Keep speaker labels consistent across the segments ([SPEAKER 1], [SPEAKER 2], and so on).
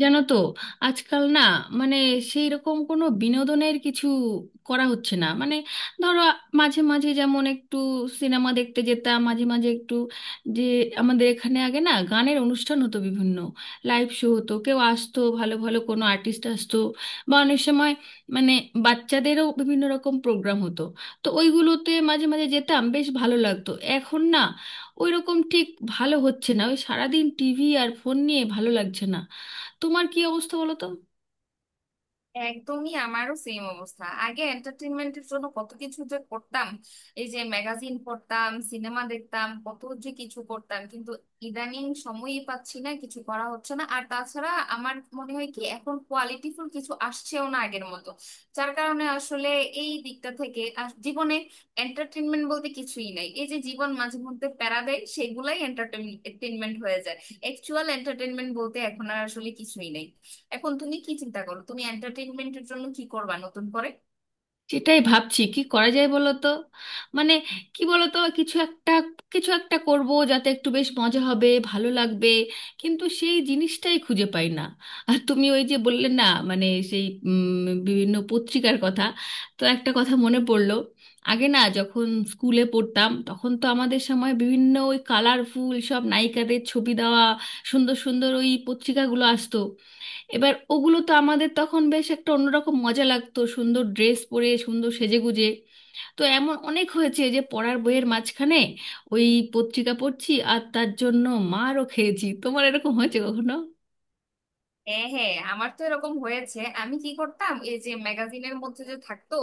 [SPEAKER 1] জানো তো? আজকাল না, মানে সেই রকম কোনো বিনোদনের কিছু করা হচ্ছে না। ধরো, মাঝে মাঝে যেমন একটু সিনেমা দেখতে যেতাম। মাঝে মাঝে একটু যে আমাদের এখানে আগে না গানের অনুষ্ঠান হতো বিভিন্ন, লাইভ শো হতো, কেউ আসতো, ভালো ভালো কোনো আর্টিস্ট আসতো, বা অনেক সময় মানে বাচ্চাদেরও বিভিন্ন রকম প্রোগ্রাম হতো। তো ওইগুলোতে মাঝে মাঝে যেতাম, বেশ ভালো লাগতো। এখন না ওইরকম ঠিক ভালো হচ্ছে না। ওই সারাদিন টিভি আর ফোন নিয়ে ভালো লাগছে না। তোমার কি অবস্থা বলো তো?
[SPEAKER 2] একদমই আমারও সেম অবস্থা। আগে এন্টারটেনমেন্টের জন্য কত কিছু যে করতাম, এই যে ম্যাগাজিন পড়তাম, সিনেমা দেখতাম, কত যে কিছু করতাম, কিন্তু ইদানিং সময়ই পাচ্ছি না, কিছু করা হচ্ছে না। আর তাছাড়া আমার মনে হয় কি, এখন কোয়ালিটিফুল কিছু আসছেও না আগের মতো। যার কারণে আসলে এই দিকটা থেকে আর জীবনে এন্টারটেনমেন্ট বলতে কিছুই নাই। এই যে জীবন মাঝে মধ্যে প্যারা দেয়, সেগুলাই এন্টারটেনমেন্ট হয়ে যায়। অ্যাকচুয়াল এন্টারটেনমেন্ট বলতে এখন আর আসলে কিছুই নেই। এখন তুমি কি চিন্তা করো, তুমি এন্টারটেইনমেন্টের জন্য কি করবা নতুন করে?
[SPEAKER 1] সেটাই ভাবছি কি করা যায় বলো তো। মানে কি বলো তো, কিছু একটা, করব, যাতে একটু বেশ মজা হবে, ভালো লাগবে। কিন্তু সেই জিনিসটাই খুঁজে পাই না। আর তুমি ওই যে বললে না, সেই বিভিন্ন পত্রিকার কথা, তো একটা কথা মনে পড়লো। আগে না যখন স্কুলে পড়তাম, তখন তো আমাদের সময় বিভিন্ন ওই কালারফুল সব নায়িকাদের ছবি দেওয়া সুন্দর সুন্দর ওই পত্রিকাগুলো আসতো। এবার ওগুলো তো আমাদের তখন বেশ একটা অন্যরকম মজা লাগতো, সুন্দর ড্রেস পরে সুন্দর সেজেগুজে। তো এমন অনেক হয়েছে যে পড়ার বইয়ের মাঝখানে ওই পত্রিকা পড়ছি, আর তার জন্য মারও খেয়েছি। তোমার এরকম হয়েছে কখনো?
[SPEAKER 2] হ্যাঁ হ্যাঁ, আমার তো এরকম হয়েছে। আমি কি করতাম, এই যে ম্যাগাজিনের মধ্যে যে থাকতো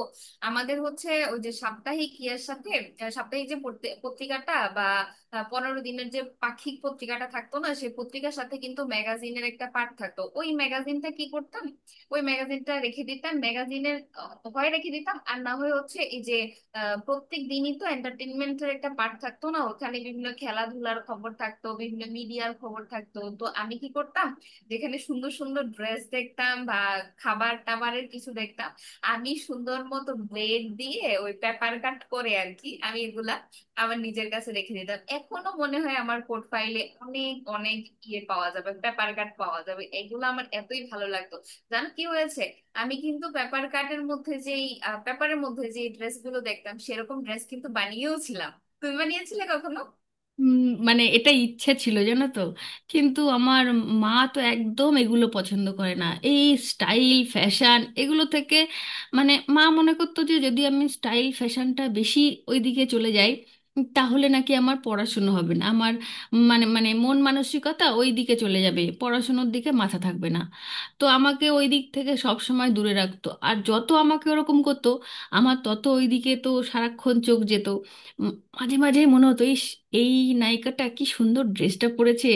[SPEAKER 2] আমাদের, হচ্ছে ওই যে সাপ্তাহিক ইয়ার সাথে, সাপ্তাহিক যে পত্রিকাটা বা 15 দিনের যে পাক্ষিক পত্রিকাটা থাকতো না, সেই পত্রিকার সাথে কিন্তু ম্যাগাজিনের একটা পার্ট থাকতো। ওই ম্যাগাজিনটা কি করতাম, ওই ম্যাগাজিনটা রেখে দিতাম। ম্যাগাজিনের হয় রেখে দিতাম আর না হয় হচ্ছে এই যে প্রত্যেক দিনই তো এন্টারটেনমেন্টের একটা পার্ট থাকতো না, ওখানে বিভিন্ন খেলাধুলার খবর থাকতো, বিভিন্ন মিডিয়ার খবর থাকতো, তো আমি কি করতাম, যেখানে সুন্দর সুন্দর ড্রেস দেখতাম বা খাবার টাবারের কিছু দেখতাম, আমি সুন্দর মতো ব্লেড দিয়ে ওই পেপার কাট করে আর কি, আমি এগুলা আমার নিজের কাছে রেখে দিতাম। এখনো মনে হয় আমার পোর্টফাইলে অনেক অনেক ইয়ে পাওয়া যাবে, পেপার কাট পাওয়া যাবে। এগুলো আমার এতই ভালো লাগতো। জানো কি হয়েছে, আমি কিন্তু পেপার কাটের মধ্যে যেই পেপারের মধ্যে যে ড্রেস গুলো দেখতাম, সেরকম ড্রেস কিন্তু বানিয়েও ছিলাম। তুমি বানিয়েছিলে কখনো?
[SPEAKER 1] উম, এটা ইচ্ছে ছিল, জানো তো, কিন্তু আমার মা তো একদম এগুলো পছন্দ করে না, এই স্টাইল ফ্যাশন এগুলো থেকে। মা মনে করতো যে যদি আমি স্টাইল ফ্যাশনটা বেশি ওইদিকে চলে যাই, তাহলে নাকি আমার পড়াশুনো হবে না। আমার মানে মানে মন মানসিকতা ওই দিকে চলে যাবে, পড়াশুনোর দিকে মাথা থাকবে না। তো আমাকে ওই দিক থেকে সব সময় দূরে রাখতো, আর যত আমাকে ওরকম করতো আমার তত ওই দিকে তো সারাক্ষণ চোখ যেত। মাঝে মাঝে মনে হতো, ইস, এই নায়িকাটা কি সুন্দর ড্রেসটা পরেছে,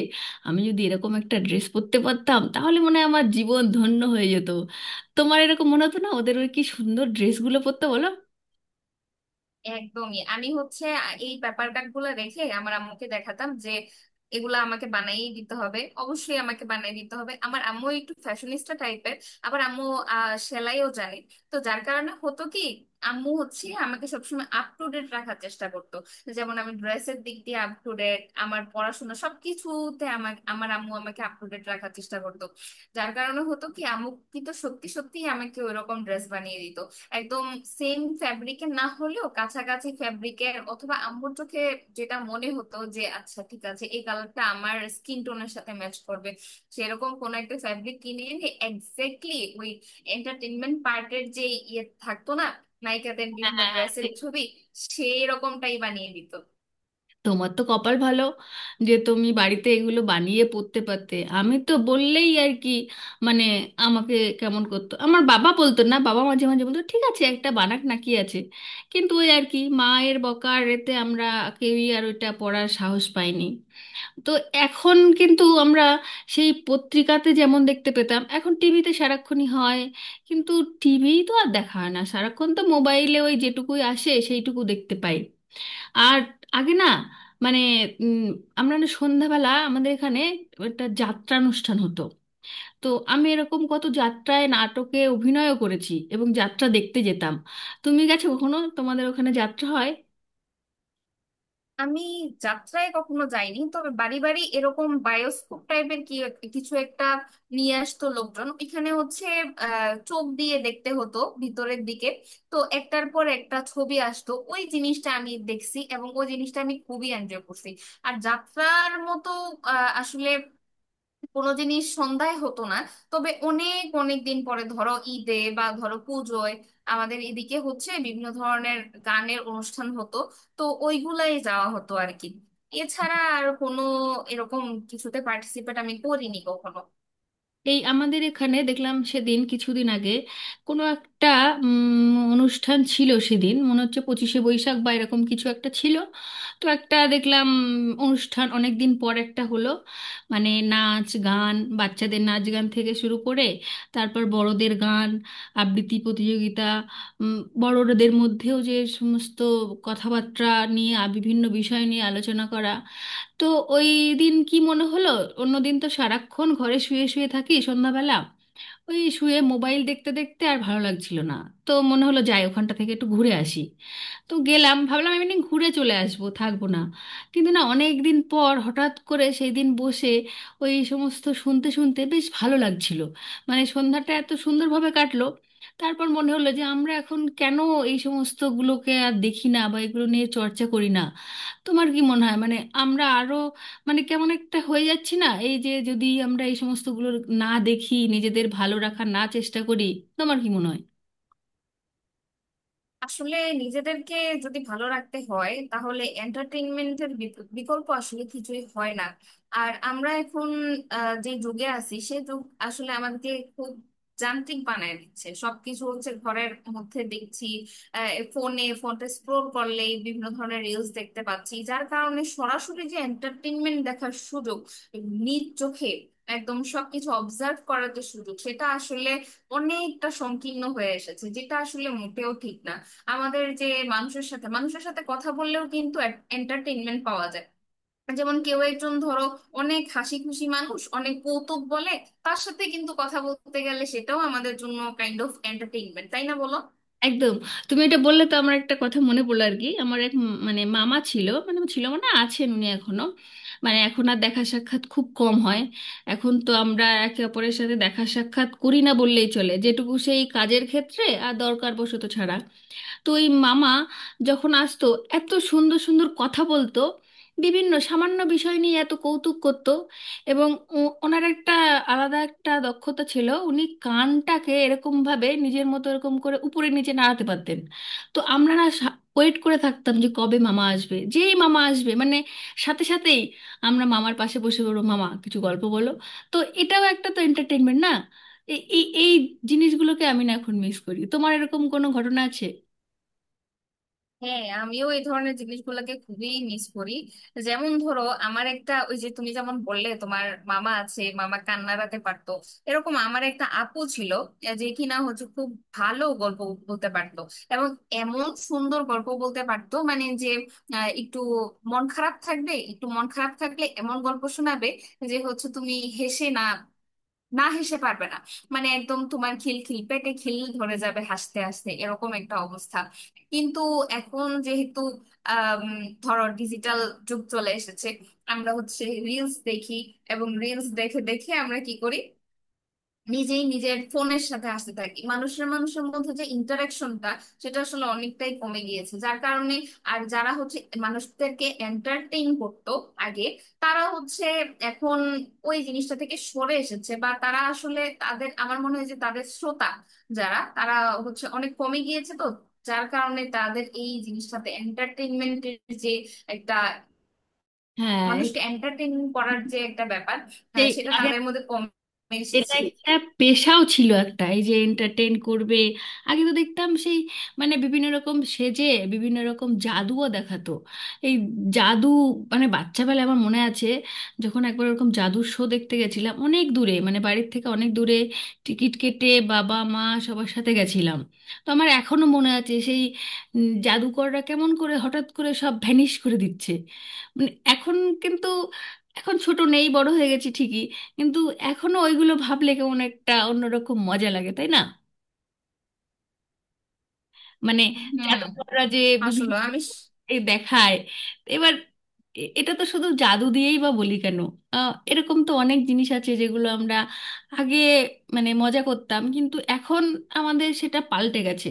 [SPEAKER 1] আমি যদি এরকম একটা ড্রেস পরতে পারতাম, তাহলে মনে হয় আমার জীবন ধন্য হয়ে যেত। তোমার এরকম মনে হতো না ওদের ওই কি সুন্দর ড্রেসগুলো পরতে, বলো?
[SPEAKER 2] একদমই। আমি হচ্ছে এই পেপার কাট গুলো রেখে আমার আম্মুকে দেখাতাম যে এগুলা আমাকে বানাই দিতে হবে, অবশ্যই আমাকে বানাই দিতে হবে। আমার আম্মু একটু ফ্যাশনিস্টা টাইপের। আবার আম্মু সেলাইও জানে। তো যার কারণে হতো কি, আম্মু হচ্ছে আমাকে সবসময় আপ টু ডেট রাখার চেষ্টা করতো। যেমন আমি ড্রেসের দিক দিয়ে আপ টু ডেট, আমার পড়াশোনা সবকিছুতে আমার আমার আম্মু আমাকে আপ টু ডেট রাখার চেষ্টা করতো। যার কারণে হতো কি, আম্মু কিন্তু সত্যি সত্যি আমাকে ওইরকম ড্রেস বানিয়ে দিত। একদম সেম ফ্যাব্রিকের না হলেও কাছাকাছি ফ্যাব্রিকের, অথবা আম্মুর চোখে যেটা মনে হতো যে আচ্ছা ঠিক আছে এই কালারটা আমার স্কিন টোনের সাথে ম্যাচ করবে, সেরকম কোন একটা ফ্যাব্রিক কিনে এনে এক্স্যাক্টলি ওই এন্টারটেনমেন্ট পার্টের যে ইয়ে থাকতো না, নায়িকাদের
[SPEAKER 1] হ্যাঁ,
[SPEAKER 2] বিভিন্ন
[SPEAKER 1] হ্যাঁ, হ্যাঁ,
[SPEAKER 2] ড্রেসের
[SPEAKER 1] ঠিক।
[SPEAKER 2] ছবি, সেই রকমটাই বানিয়ে দিত।
[SPEAKER 1] তোমার তো কপাল ভালো যে তুমি বাড়িতে এগুলো বানিয়ে পরতে পারতে। আমি তো বললেই আর কি, মানে আমাকে কেমন করতো। আমার বাবা বলতো না, বাবা মাঝে মাঝে বলতো ঠিক আছে একটা বানাক, না কি আছে। কিন্তু ওই আর কি, মায়ের বকার এতে আমরা কেউই আর ওইটা পড়ার সাহস পাইনি। তো এখন কিন্তু আমরা সেই পত্রিকাতে যেমন দেখতে পেতাম, এখন টিভিতে সারাক্ষণই হয়। কিন্তু টিভি তো আর দেখা হয় না সারাক্ষণ, তো মোবাইলে ওই যেটুকুই আসে সেইটুকু দেখতে পাই। আর আগে না, মানে উম, আমরা না সন্ধ্যাবেলা আমাদের এখানে একটা যাত্রা অনুষ্ঠান হতো। তো আমি এরকম কত যাত্রায় নাটকে অভিনয়ও করেছি, এবং যাত্রা দেখতে যেতাম। তুমি গেছো কখনো? তোমাদের ওখানে যাত্রা হয়?
[SPEAKER 2] আমি যাত্রায় কখনো যাইনি, তবে বাড়ি বাড়ি এরকম বায়োস্কোপ টাইপের কি কিছু একটা নিয়ে আসতো লোকজন। এখানে হচ্ছে চোখ দিয়ে দেখতে হতো ভিতরের দিকে, তো একটার পর একটা ছবি আসতো। ওই জিনিসটা আমি দেখছি এবং ওই জিনিসটা আমি খুবই এনজয় করছি। আর যাত্রার মতো আসলে কোনো জিনিস সন্ধ্যায় হতো না। তবে অনেক অনেক দিন পরে ধরো ঈদে বা ধরো পুজোয় আমাদের এদিকে হচ্ছে বিভিন্ন ধরনের গানের অনুষ্ঠান হতো, তো ওইগুলাই যাওয়া হতো আর কি। এছাড়া আর কোনো এরকম কিছুতে পার্টিসিপেট আমি করিনি কখনো।
[SPEAKER 1] এই আমাদের এখানে দেখলাম সেদিন, কিছুদিন আগে কোনো একটা অনুষ্ঠান ছিল। সেদিন মনে হচ্ছে পঁচিশে বৈশাখ বা এরকম কিছু একটা ছিল। তো একটা দেখলাম অনুষ্ঠান, অনেক দিন পর একটা হলো। মানে নাচ গান, বাচ্চাদের নাচ গান থেকে শুরু করে, তারপর বড়দের গান, আবৃত্তি প্রতিযোগিতা, উম, বড়দের মধ্যেও যে সমস্ত কথাবার্তা বিভিন্ন বিষয় নিয়ে আলোচনা করা। তো ওই দিন কি মনে হলো, অন্যদিন তো সারাক্ষণ ঘরে শুয়ে শুয়ে থাকি সন্ধ্যাবেলা, ওই শুয়ে মোবাইল দেখতে দেখতে আর ভালো লাগছিল না। তো মনে হলো যাই, ওখানটা থেকে একটু ঘুরে আসি। তো গেলাম, ভাবলাম আমি একদিন ঘুরে চলে আসবো, থাকবো না। কিন্তু না, অনেক দিন পর হঠাৎ করে সেই দিন বসে ওই সমস্ত শুনতে শুনতে বেশ ভালো লাগছিল। মানে সন্ধ্যাটা এত সুন্দরভাবে কাটলো। তারপর মনে হলো যে আমরা এখন কেন এই সমস্তগুলোকে আর দেখি না, বা এগুলো নিয়ে চর্চা করি না। তোমার কি মনে হয়? আমরা আরো, মানে কেমন একটা হয়ে যাচ্ছে না, এই যে যদি আমরা এই সমস্তগুলো না দেখি, নিজেদের ভালো রাখার না চেষ্টা করি, তোমার কি মনে হয়?
[SPEAKER 2] আসলে নিজেদেরকে যদি ভালো রাখতে হয় তাহলে এন্টারটেইনমেন্টের বিকল্প আসলে কিছুই হয় না। আর আমরা এখন যে যুগে আছি সে যুগ আসলে আমাদেরকে খুব যান্ত্রিক বানায় দিচ্ছে। সবকিছু হচ্ছে ঘরের মধ্যে দেখছি, ফোনে। ফোনটা স্ক্রোল করলেই বিভিন্ন ধরনের রিলস দেখতে পাচ্ছি, যার কারণে সরাসরি যে এন্টারটেইনমেন্ট দেখার সুযোগ, নিজ চোখে একদম সবকিছু অবজার্ভ করার যে সুযোগ, সেটা আসলে অনেকটা সংকীর্ণ হয়ে এসেছে, যেটা আসলে মোটেও ঠিক না। আমাদের যে মানুষের সাথে কথা বললেও কিন্তু এন্টারটেইনমেন্ট পাওয়া যায়। যেমন কেউ একজন ধরো অনেক হাসি খুশি মানুষ, অনেক কৌতুক বলে, তার সাথে কিন্তু কথা বলতে গেলে সেটাও আমাদের জন্য কাইন্ড অফ এন্টারটেইনমেন্ট, তাই না বলো?
[SPEAKER 1] একদম। তুমি এটা বললে তো আমার একটা কথা মনে পড়লো আর কি। আমার এক মানে মামা ছিল, মানে ছিল মানে আছেন উনি এখনো। মানে এখন আর দেখা সাক্ষাৎ খুব কম হয়। এখন তো আমরা একে অপরের সাথে দেখা সাক্ষাৎ করি না বললেই চলে, যেটুকু সেই কাজের ক্ষেত্রে আর দরকার বশত ছাড়া। তো এই মামা যখন আসতো, এত সুন্দর সুন্দর কথা বলতো, বিভিন্ন সামান্য বিষয় নিয়ে এত কৌতুক করতো। এবং ওনার একটা আলাদা একটা দক্ষতা ছিল, উনি কানটাকে এরকম ভাবে নিজের মতো এরকম করে উপরে নিচে নাড়াতে পারতেন। তো আমরা না ওয়েট করে থাকতাম যে কবে মামা আসবে। যেই মামা আসবে, সাথে সাথেই আমরা মামার পাশে বসে বলবো, মামা কিছু গল্প বলো। তো এটাও একটা তো এন্টারটেনমেন্ট না? এই এই এই জিনিসগুলোকে আমি না এখন মিস করি। তোমার এরকম কোনো ঘটনা আছে?
[SPEAKER 2] হ্যাঁ, আমিও এই ধরনের জিনিসগুলোকে খুবই মিস করি। যেমন ধরো আমার একটা, ওই যে তুমি যেমন বললে তোমার মামা আছে মামা কান্নারাতে পারতো, এরকম আমার একটা আপু ছিল যে কিনা হচ্ছে খুব ভালো গল্প বলতে পারতো। এবং এমন সুন্দর গল্প বলতে পারতো মানে যে একটু মন খারাপ থাকবে, একটু মন খারাপ থাকলে এমন গল্প শোনাবে যে হচ্ছে তুমি হেসে না, না হেসে পারবে না। মানে একদম তোমার খিল খিল, পেটে খিল ধরে যাবে হাসতে হাসতে, এরকম একটা অবস্থা। কিন্তু এখন যেহেতু আম, ধরো ডিজিটাল যুগ চলে এসেছে, আমরা হচ্ছে রিলস দেখি। এবং রিলস দেখে দেখে আমরা কি করি, নিজেই নিজের ফোনের সাথে আসতে থাকি। মানুষের মানুষের মধ্যে যে ইন্টারাকশনটা, সেটা আসলে অনেকটাই কমে গিয়েছে। যার কারণে আর যারা হচ্ছে মানুষদেরকে এন্টারটেইন করতো আগে, তারা হচ্ছে এখন ওই জিনিসটা থেকে সরে এসেছে। বা তারা আসলে তাদের, আমার মনে হয় যে তাদের শ্রোতা যারা, তারা হচ্ছে অনেক কমে গিয়েছে, তো যার কারণে তাদের এই জিনিসটাতে এন্টারটেইনমেন্টের যে একটা,
[SPEAKER 1] হ্যাঁ, এটা
[SPEAKER 2] মানুষকে এন্টারটেইন করার যে একটা ব্যাপার,
[SPEAKER 1] সেই
[SPEAKER 2] সেটা
[SPEAKER 1] আগে
[SPEAKER 2] তাদের মধ্যে কমে
[SPEAKER 1] এটা
[SPEAKER 2] এসেছে।
[SPEAKER 1] একটা পেশাও ছিল একটা, এই যে এন্টারটেন করবে। আগে তো দেখতাম সেই, মানে বিভিন্ন রকম সেজে বিভিন্ন রকম জাদুও দেখাতো। এই জাদু, মানে বাচ্চাবেলায় আমার মনে আছে, যখন একবার ওরকম জাদুর শো দেখতে গেছিলাম অনেক দূরে, মানে বাড়ির থেকে অনেক দূরে, টিকিট কেটে বাবা মা সবার সাথে গেছিলাম। তো আমার এখনো মনে আছে সেই জাদুকররা কেমন করে হঠাৎ করে সব ভ্যানিশ করে দিচ্ছে। মানে এখন, কিন্তু এখন ছোট নেই, বড় হয়ে গেছি ঠিকই, কিন্তু এখনো ওইগুলো ভাবলে কেমন একটা অন্যরকম মজা লাগে, তাই না? মানে
[SPEAKER 2] হুম।
[SPEAKER 1] জাদুকররা যে বিভিন্ন
[SPEAKER 2] আসলে
[SPEAKER 1] রকম এ দেখায়। এবার এটা তো শুধু জাদু দিয়েই বা বলি কেন, এরকম তো অনেক জিনিস আছে যেগুলো আমরা আগে, মানে মজা করতাম, কিন্তু এখন আমাদের সেটা পাল্টে গেছে।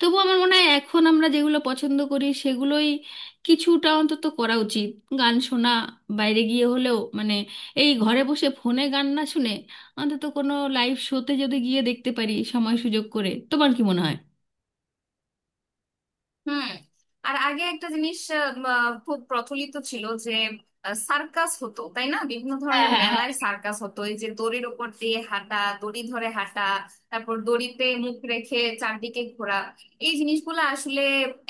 [SPEAKER 1] তবু আমার মনে হয় এখন আমরা যেগুলো পছন্দ করি সেগুলোই কিছুটা অন্তত করা উচিত। গান শোনা বাইরে গিয়ে হলেও, মানে এই ঘরে বসে ফোনে গান না শুনে অন্তত কোনো লাইভ শোতে যদি গিয়ে দেখতে পারি সময় সুযোগ করে, তোমার কি মনে হয়?
[SPEAKER 2] হুম। আর আগে একটা জিনিস খুব প্রচলিত ছিল যে সার্কাস হতো, তাই না? বিভিন্ন
[SPEAKER 1] হ্যাঁ,
[SPEAKER 2] ধরনের
[SPEAKER 1] হ্যাঁ,
[SPEAKER 2] মেলায় সার্কাস হতো, এই যে দড়ির ওপর দিয়ে হাঁটা, দড়ি ধরে হাঁটা, তারপর দড়িতে মুখ রেখে চারদিকে ঘোরা। এই জিনিসগুলো আসলে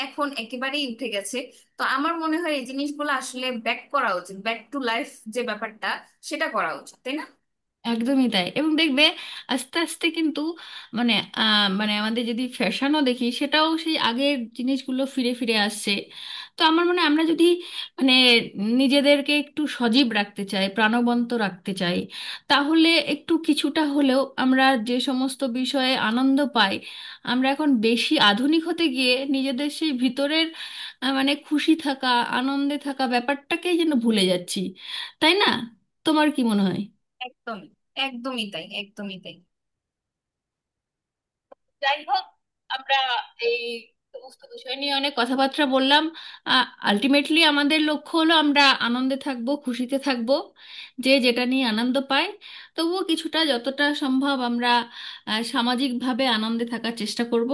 [SPEAKER 2] এখন একেবারেই উঠে গেছে। তো আমার মনে হয় এই জিনিসগুলো আসলে ব্যাক করা উচিত, ব্যাক টু লাইফ যে ব্যাপারটা, সেটা করা উচিত, তাই না?
[SPEAKER 1] একদমই তাই। এবং দেখবে আস্তে আস্তে কিন্তু, মানে মানে আমাদের যদি ফ্যাশনও দেখি, সেটাও সেই আগের জিনিসগুলো ফিরে ফিরে আসছে। তো আমার মনে হয় আমরা যদি, মানে নিজেদেরকে একটু সজীব রাখতে চাই, প্রাণবন্ত রাখতে চাই, তাহলে একটু কিছুটা হলেও আমরা যে সমস্ত বিষয়ে আনন্দ পাই, আমরা এখন বেশি আধুনিক হতে গিয়ে নিজেদের সেই ভিতরের মানে খুশি থাকা, আনন্দে থাকা ব্যাপারটাকেই যেন ভুলে যাচ্ছি, তাই না? তোমার কি মনে হয়?
[SPEAKER 2] একদমই, একদমই তাই, একদমই তাই।
[SPEAKER 1] যাই হোক, আমরা এই সমস্ত বিষয় নিয়ে অনেক কথাবার্তা বললাম। আলটিমেটলি আমাদের লক্ষ্য হলো আমরা আনন্দে থাকব, খুশিতে থাকব, যে যেটা নিয়ে আনন্দ পায়, তবুও কিছুটা যতটা সম্ভব আমরা সামাজিকভাবে আনন্দে থাকার চেষ্টা করব।